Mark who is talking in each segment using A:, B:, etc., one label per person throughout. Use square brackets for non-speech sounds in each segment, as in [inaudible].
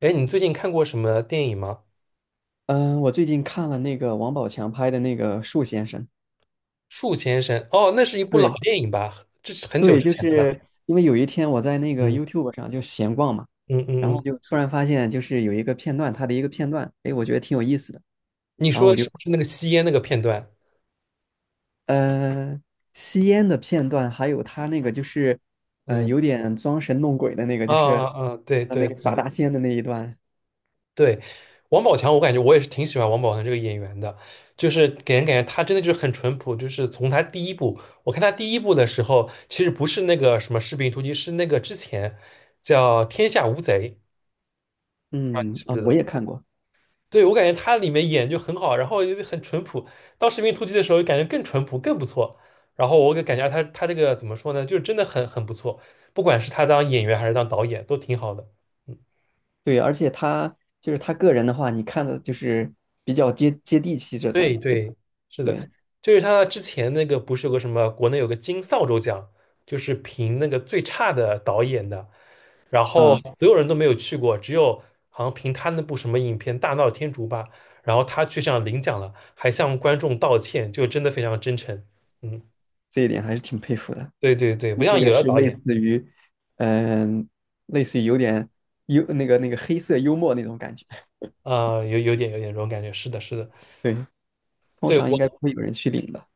A: 哎，你最近看过什么电影吗？
B: 嗯，我最近看了那个王宝强拍的那个《树先生》。
A: 《树先生》哦，那是一部老
B: 对
A: 电影吧？这是很久
B: 对，嗯
A: 之
B: 就
A: 前的了。
B: 是因为有一天我在那个
A: 嗯
B: YouTube 上就闲逛嘛，
A: 嗯
B: 然
A: 嗯
B: 后
A: 嗯，
B: 就突然发现就是有一个片段，哎，我觉得挺有意思的。
A: 你
B: 然后
A: 说
B: 我
A: 是
B: 就
A: 不是那个吸烟那个片段？
B: 呃吸烟的片段，还有他那个就是嗯，
A: 嗯，
B: 有点装神弄鬼的那个，
A: 啊啊啊，对
B: 那
A: 对
B: 个耍
A: 对
B: 大仙的那一段。
A: 对，王宝强，我感觉我也是挺喜欢王宝强这个演员的，就是给人感觉他真的就是很淳朴，就是从他第一部，我看他第一部的时候，其实不是那个什么《士兵突击》，是那个之前叫《天下无贼》，
B: 我也
A: 不
B: 看过。
A: 对，我感觉他里面演就很好，然后也很淳朴。当《士兵突击》的时候，感觉更淳朴，更不错。然后我给感觉他这个怎么说呢，就是真的很不错，不管是他当演员还是当导演，都挺好的。嗯，
B: 对，而且他就是他个人的话，你看的就是比较接地气这
A: 对
B: 种，对吧？
A: 对，是的，
B: 对。
A: 就是他之前那个不是有个什么国内有个金扫帚奖，就是评那个最差的导演的，然后
B: 嗯，
A: 所有人都没有去过，只有好像凭他那部什么影片《大闹天竺》吧，然后他去上领奖了，还向观众道歉，就真的非常真诚。嗯，
B: 这一点还是挺佩服的。
A: 对对对，不
B: 这
A: 像
B: 个
A: 有的
B: 是
A: 导
B: 类
A: 演，
B: 似于，嗯，类似于有点幽那个那个黑色幽默那种感觉。
A: 啊、有点这种感觉。是的，是的，
B: 对，通
A: 对
B: 常应该不
A: 我
B: 会有人去领的。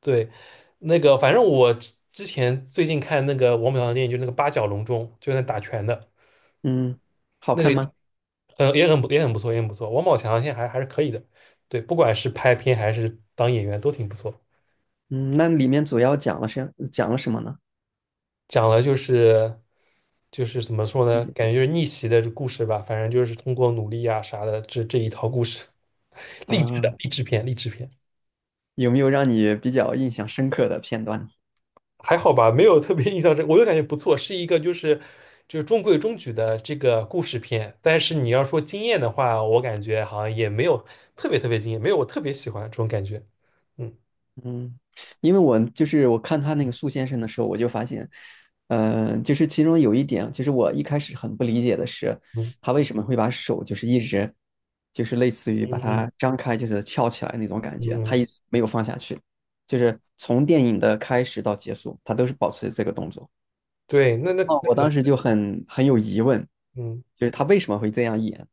A: 对那个，反正我之前最近看那个王宝强的电影，就是那个《八角笼中》，就是那打拳的
B: 嗯，好看
A: 那个，
B: 吗？
A: 嗯，也很不错，也很不错。王宝强现在还是可以的，对，不管是拍片还是当演员都挺不错。
B: 嗯，那里面主要讲了是讲了什么呢？
A: 讲了就是就是怎么说呢？
B: 姐
A: 感觉就是逆袭的故事吧，反正就是通过努力啊啥的，这一套故事，励志的
B: 啊，
A: 励志片，励志片
B: 有没有让你比较印象深刻的片段呢？
A: 还好吧，没有特别印象深，我就感觉不错，是一个就是中规中矩的这个故事片。但是你要说惊艳的话，我感觉好像也没有特别特别惊艳，没有我特别喜欢这种感觉。嗯
B: 嗯，因为我就是我看他那个树先生的时候，我就发现，呃，就是其中有一点，就是我一开始很不理解的是，
A: 嗯
B: 他为什么会把手就是一直，就是类似于把
A: 嗯嗯
B: 它张开，就是翘起来那种感觉，
A: 嗯，
B: 他
A: 嗯
B: 一直没有放下去，就是从电影的开始到结束，他都是保持这个动作。
A: 对，
B: 哦，我当时就很有疑问，
A: 嗯，
B: 就是他为什么会这样演，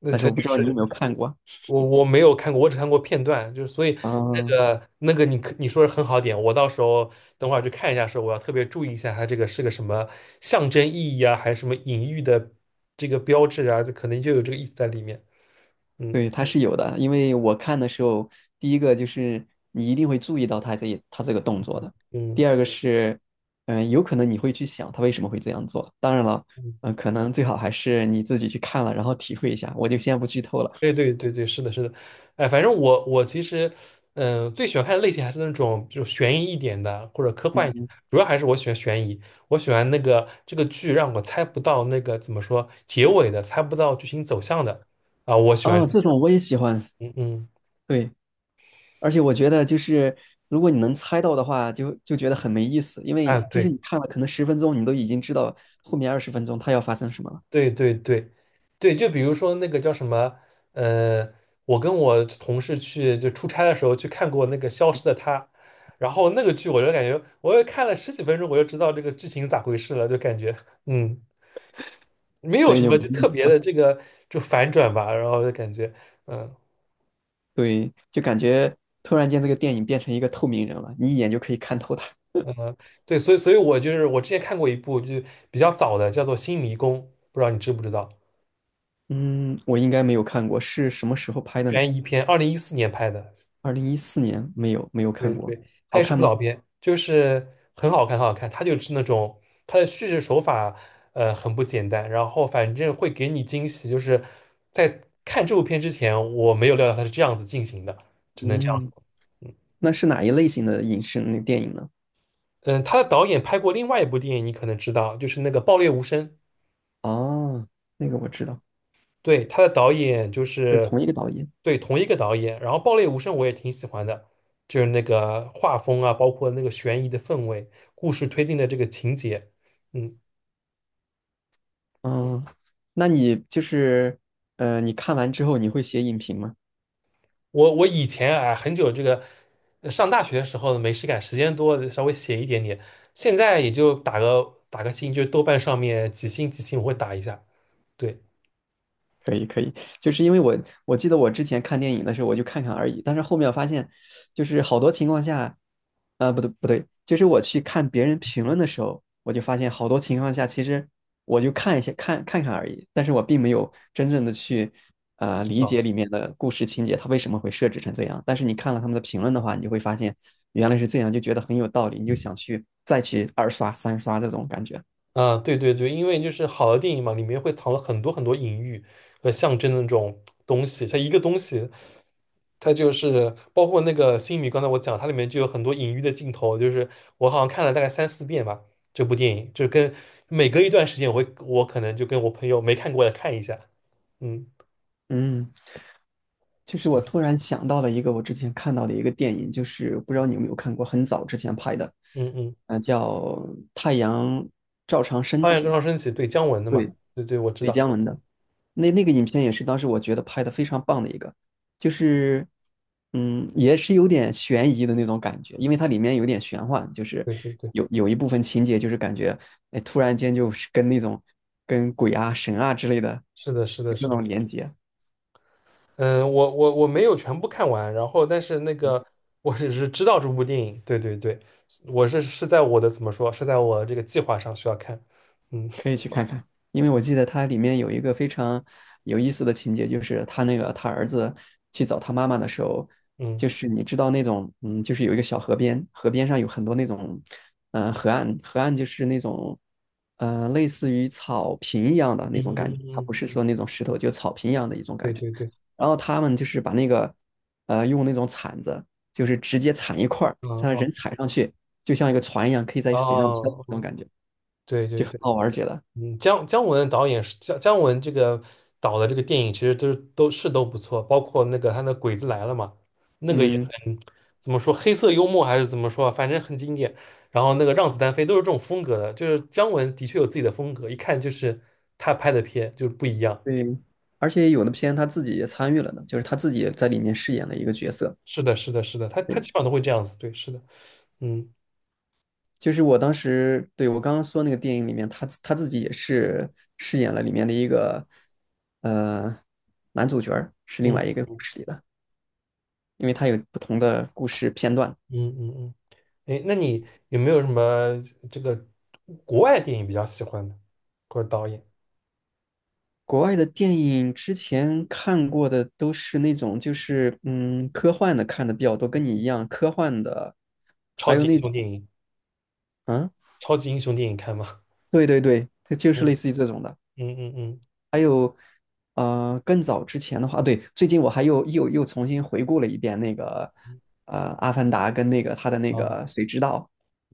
A: 那
B: 但是
A: 它
B: 我不
A: 就
B: 知道你有没
A: 是。
B: 有看过
A: 我没有看过，我只看过片段，就是所以
B: 啊？
A: 那
B: 嗯，
A: 个那个你说的很好点，我到时候等会儿去看一下，时候我要特别注意一下它这个是个什么象征意义啊，还是什么隐喻的这个标志啊，这可能就有这个意思在里面。嗯
B: 对，它是有的，因为我看的时候，第一个就是你一定会注意到他这个动作的。
A: 嗯
B: 第二个是，嗯、有可能你会去想他为什么会这样做。当然了，
A: 嗯
B: 嗯、可能最好还是你自己去看了，然后体会一下。我就先不剧透了。
A: 对对对对，是的，是的，哎，反正我其实，最喜欢看的类型还是那种就悬疑一点的或者科幻一点，
B: 嗯，
A: 的，主要还是我喜欢悬疑，我喜欢那个这个剧让我猜不到那个怎么说结尾的，猜不到剧情走向的啊、我喜欢，
B: 哦，这种我也喜欢。
A: 嗯嗯，
B: 对，而且我觉得就是如果你能猜到的话，就觉得很没意思，因
A: 啊，
B: 为就是
A: 对。
B: 你看了可能十分钟，你都已经知道后面20分钟它要发生什么了，
A: 对对对，对，就比如说那个叫什么，呃，我跟我同事去就出差的时候去看过那个《消失的她》，然后那个剧我就感觉，我又看了十几分钟，我就知道这个剧情咋回事了，就感觉，嗯，没有
B: 所
A: 什
B: 以就
A: 么
B: 没
A: 就
B: 意
A: 特
B: 思
A: 别的
B: 了。
A: 这个就反转吧，然后就感觉，嗯
B: 对，就感觉突然间这个电影变成一个透明人了，你一眼就可以看透他。
A: 嗯，对，所以我就是我之前看过一部就比较早的，叫做《新迷宫》，不知道你知不知道，
B: 嗯，我应该没有看过，是什么时候拍的呢？
A: 悬疑片，2014年拍的。
B: 2014年，没有，没有
A: 对
B: 看过。
A: 对，他
B: 好
A: 也是
B: 看
A: 部老
B: 吗？
A: 片，就是很好看，很好看。他就是那种他的叙事手法，很不简单。然后反正会给你惊喜，就是在看这部片之前，我没有料到他是这样子进行的，只能这样。
B: 嗯，那是哪一类型的影视那电影呢？
A: 嗯，他的导演拍过另外一部电影，你可能知道，就是那个《爆裂无声》。
B: 哦，那个我知道，
A: 对，他的导演就
B: 就是
A: 是
B: 同一个导演。
A: 对同一个导演。然后《爆裂无声》我也挺喜欢的，就是那个画风啊，包括那个悬疑的氛围，故事推进的这个情节，嗯。
B: 嗯，那你就是，呃，你看完之后你会写影评吗？
A: 我以前啊，很久这个上大学的时候呢没事干，时间多稍微写一点点，现在也就打个星，就是豆瓣上面几星几星我会打一下。对
B: 可以可以，就是因为我记得我之前看电影的时候，我就看看而已，但是后面我发现，就是好多情况下，呃，不对不对，就是我去看别人评论的时候，我就发现好多情况下，其实我就看看而已，但是我并没有真正的去理解
A: 啊
B: 里面的故事情节，它为什么会设置成这样。但是你看了他们的评论的话，你就会发现原来是这样，就觉得很有道理，你就想去再去二刷三刷这种感觉。
A: 啊，对对对，因为就是好的电影嘛，里面会藏了很多很多隐喻和象征的那种东西，它一个东西。它就是包括那个《星米》，刚才我讲，它里面就有很多隐喻的镜头，就是我好像看了大概三四遍吧，这部电影，就跟每隔一段时间我会，我可能就跟我朋友没看过的看一下，嗯，
B: 嗯。就是
A: 是
B: 我
A: 的，
B: 突然想到了一个我之前看到的一个电影，就是不知道你有没有看过，很早之前拍的，
A: 嗯嗯，
B: 呃，叫《太阳照常升
A: 八月
B: 起》，
A: 中上升起，对，姜文的嘛，
B: 对，
A: 对对，我知
B: 雷
A: 道，
B: 佳文的。那那个影片也是当时我觉得拍的非常棒的一个，就是也是有点悬疑的那种感觉，因为它里面有点玄幻，就是
A: 对对对，
B: 有一部分情节就是感觉，哎，突然间就是跟那种跟鬼啊、神啊之类的
A: 是的，是的，
B: 有这
A: 是的，
B: 种连接。
A: 嗯，我没有全部看完，然后但是那个我只是知道这部电影，对对对，我是在我的怎么说，是在我这个计划上需要看，嗯
B: 可以去看看，因为我记得它里面有一个非常有意思的情节，就是他那个他儿子去找他妈妈的时候，
A: 嗯
B: 就是你知道那种，嗯，就是有一个小河边，河边上有很多那种，嗯、河岸就是那种，呃，类似于草坪一样的那
A: 嗯
B: 种感
A: 嗯
B: 觉，它
A: 嗯，
B: 不是说
A: 嗯，
B: 那种石头，就草坪一样的一种
A: 对
B: 感觉。
A: 对对，
B: 然后他们就是把那个，呃，用那种铲子，就是直接铲一块儿，
A: 啊
B: 让
A: 哦
B: 人踩上去，就像一个船一样，可以在水上漂的
A: 哦
B: 那种
A: 哦，
B: 感觉，
A: 对
B: 就
A: 对
B: 很
A: 对。
B: 好玩儿，觉得。
A: 嗯，姜文导演是姜文这个导的这个电影，其实都是都不错，包括那个他那《鬼子来了》嘛，那个也
B: 嗯，
A: 很怎么说黑色幽默还是怎么说啊反正很经典。然后那个《让子弹飞》都是这种风格的，就是姜文的确有自己的风格，一看就是他拍的片就是不一样。
B: 对，而且有的片他自己也参与了呢，就是他自己也在里面饰演了一个角色。
A: 是的，是的，是的，他
B: 对，
A: 基本上都会这样子，对，是的，嗯
B: 就是我当时，对，我刚刚说那个电影里面，他自己也是饰演了里面的一个呃男主角儿，是另外
A: 嗯
B: 一个故事里的，因为他有不同的故事片段。
A: 嗯嗯嗯，哎，那你有没有什么这个国外电影比较喜欢的，或者导演、
B: 国外的电影之前看过的都是那种就是嗯科幻的看的比较多，跟你一样科幻的，
A: 超
B: 还有
A: 级英
B: 那种。
A: 雄电影？
B: 啊，
A: 超级英雄电影看吗？
B: 对对对，它就
A: [laughs]
B: 是
A: 嗯
B: 类似于这种的。
A: 嗯嗯
B: 还有呃，更早之前的话，啊对，最近我还又重新回顾了一遍那个，
A: 嗯，
B: 呃，《阿凡达》跟那个他的那
A: 哦
B: 个《谁知道》，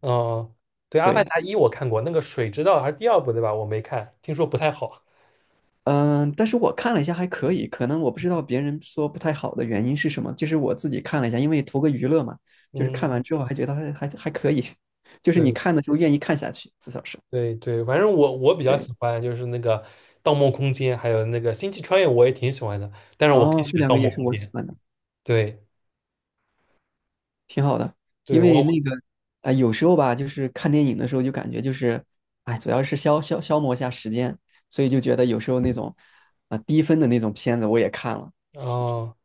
A: 哦，对，《阿凡
B: 对，
A: 达一》我看过，那个水之道还是第二部对吧？我没看，听说不太好。
B: 嗯、但是我看了一下还可以，可能我不知道别人说不太好的原因是什么，就是我自己看了一下，因为图个娱乐嘛，就是
A: 嗯，
B: 看完
A: 嗯
B: 之后还觉得还可以，[laughs] 就是你
A: 对
B: 看的时候愿意看下去，至少是，
A: 对对，反正我比较
B: 对，
A: 喜欢就是那个《盗梦空间》，还有那个《星际穿越》，我也挺喜欢的。但是我更
B: 哦，
A: 喜
B: 这
A: 欢
B: 两
A: 《盗
B: 个也
A: 梦
B: 是
A: 空
B: 我
A: 间》。
B: 喜欢的。
A: 对
B: 挺好的，因
A: 对，
B: 为
A: 我
B: 那个啊、有时候吧，就是看电影的时候就感觉就是，哎，主要是消磨一下时间，所以就觉得有时候那种啊、低分的那种片子我也看了。
A: 哦，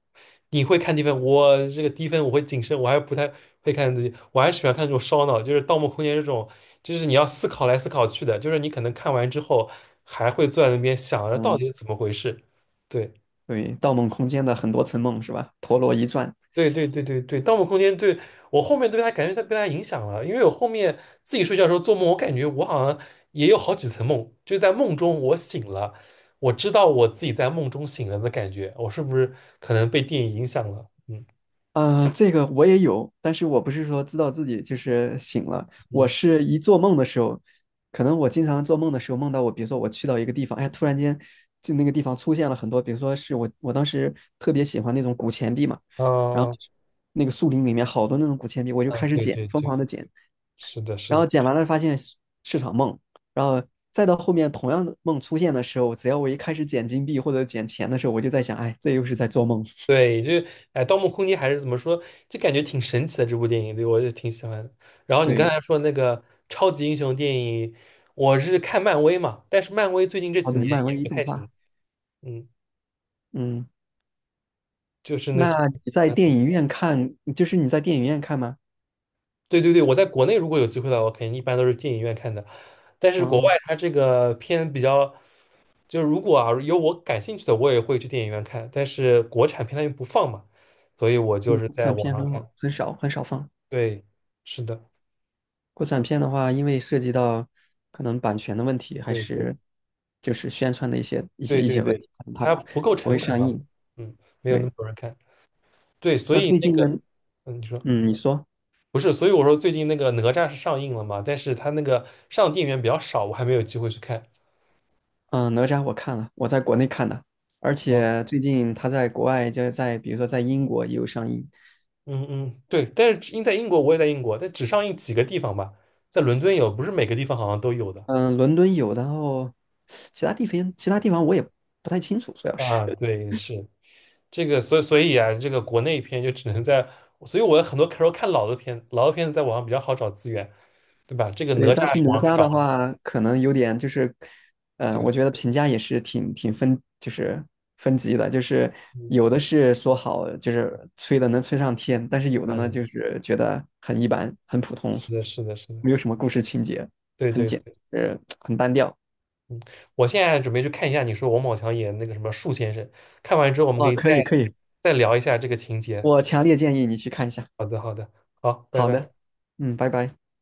A: 你会看低分，我这个低分我会谨慎，我还不太会看自己，我还喜欢看这种烧脑，就是《盗墓空间》这种，就是你要思考来思考去的，就是你可能看完之后还会坐在那边想着到底
B: 嗯，
A: 是怎么回事。对
B: 对，《盗梦空间》的很多层梦是吧？陀螺一转。
A: 对对对对对，《盗墓空间》对我后面对它感觉它被它影响了，因为我后面自己睡觉的时候做梦，我感觉我好像也有好几层梦，就是在梦中我醒了，我知道我自己在梦中醒了的感觉，我是不是可能被电影影响了？嗯
B: 呃，这个我也有，但是我不是说知道自己就是醒了，我
A: 嗯。
B: 是一做梦的时候，可能我经常做梦的时候梦到我，比如说我去到一个地方，哎，突然间就那个地方出现了很多，比如说是我当时特别喜欢那种古钱币嘛，然后
A: 嗯
B: 那个树林里面好多那种古钱币，我就
A: 嗯，
B: 开始
A: 对
B: 捡，
A: 对
B: 疯
A: 对，
B: 狂的捡，
A: 是的，是
B: 然后
A: 的，
B: 捡完了发现是场梦，然后再到后面同样的梦出现的时候，只要我一开始捡金币或者捡钱的时候，我就在想，哎，这又是在做梦。
A: 对，这哎，《盗墓空间》还是怎么说，就感觉挺神奇的这部电影，对我就挺喜欢的。然后你刚
B: 对，
A: 才说那个超级英雄电影，我是看漫威嘛，但是漫威最近这
B: 哦
A: 几
B: 对，
A: 年
B: 漫
A: 也
B: 威
A: 不
B: 动
A: 太行，
B: 画。
A: 嗯，
B: 嗯，
A: 就是那些，
B: 那你在
A: 嗯，
B: 电影院看，就是你在电影院看吗？
A: 对对对，我在国内如果有机会的话，我肯定一般都是电影院看的，但是国
B: 哦，
A: 外它这个片比较，就是如果啊有我感兴趣的，我也会去电影院看，但是国产片它又不放嘛，所以我就
B: 对，
A: 是
B: 国
A: 在
B: 产
A: 网
B: 片
A: 上
B: 很好，
A: 看，
B: 很少很少放。
A: 对，是的。
B: 国产片的话，因为涉及到可能版权的问题，还
A: 对对
B: 是就是宣传的一些一些
A: 对
B: 一
A: 对
B: 些问
A: 对，
B: 题，可能它
A: 它不够
B: 不会
A: 成本
B: 上
A: 啊，
B: 映。
A: 嗯，没有那
B: 对，
A: 么多人看。对，所
B: 那
A: 以
B: 最
A: 那
B: 近呢，
A: 个，嗯，你说
B: 嗯，你说，
A: 不是，所以我说最近那个哪吒是上映了嘛，但是它那个上电影院比较少，我还没有机会去看。
B: 嗯，哪吒我看了，我在国内看的，而
A: 哦，
B: 且最近他在国外，就是在比如说在英国也有上映，
A: 嗯嗯，对，但是因在英国，我也在英国，但只上映几个地方吧，在伦敦有，不是每个地方好像都有的。
B: 嗯，伦敦有，然后其他地方我也不太清楚，主要是。
A: 啊，对，是这个，所以啊，这个国内片就只能在，所以我有很多时候看老的片，老的片子在网上比较好找资源，对吧？这个哪
B: 对，
A: 吒
B: 但是哪
A: 网上还
B: 吒
A: 找
B: 的
A: 不到。
B: 话，可能有点就是，嗯、我
A: 对。
B: 觉得评价也是挺分，就是分级的，就是
A: 嗯。
B: 有的是说好，就是吹的能吹上天，但是有的呢，
A: 嗯，
B: 就是觉得很一般，很普通，
A: 是的，是的，是的，
B: 没有什么故事情节，
A: 对
B: 很
A: 对，
B: 简，呃，很单调。
A: 我现在准备去看一下你说王宝强演那个什么树先生，看完之后我们可
B: 哦，
A: 以
B: 可
A: 再
B: 以可以，
A: 再聊一下这个情节。
B: 我强烈建议你去看一下。
A: 好的，好的，好，拜
B: 好的，
A: 拜。
B: 嗯，拜拜。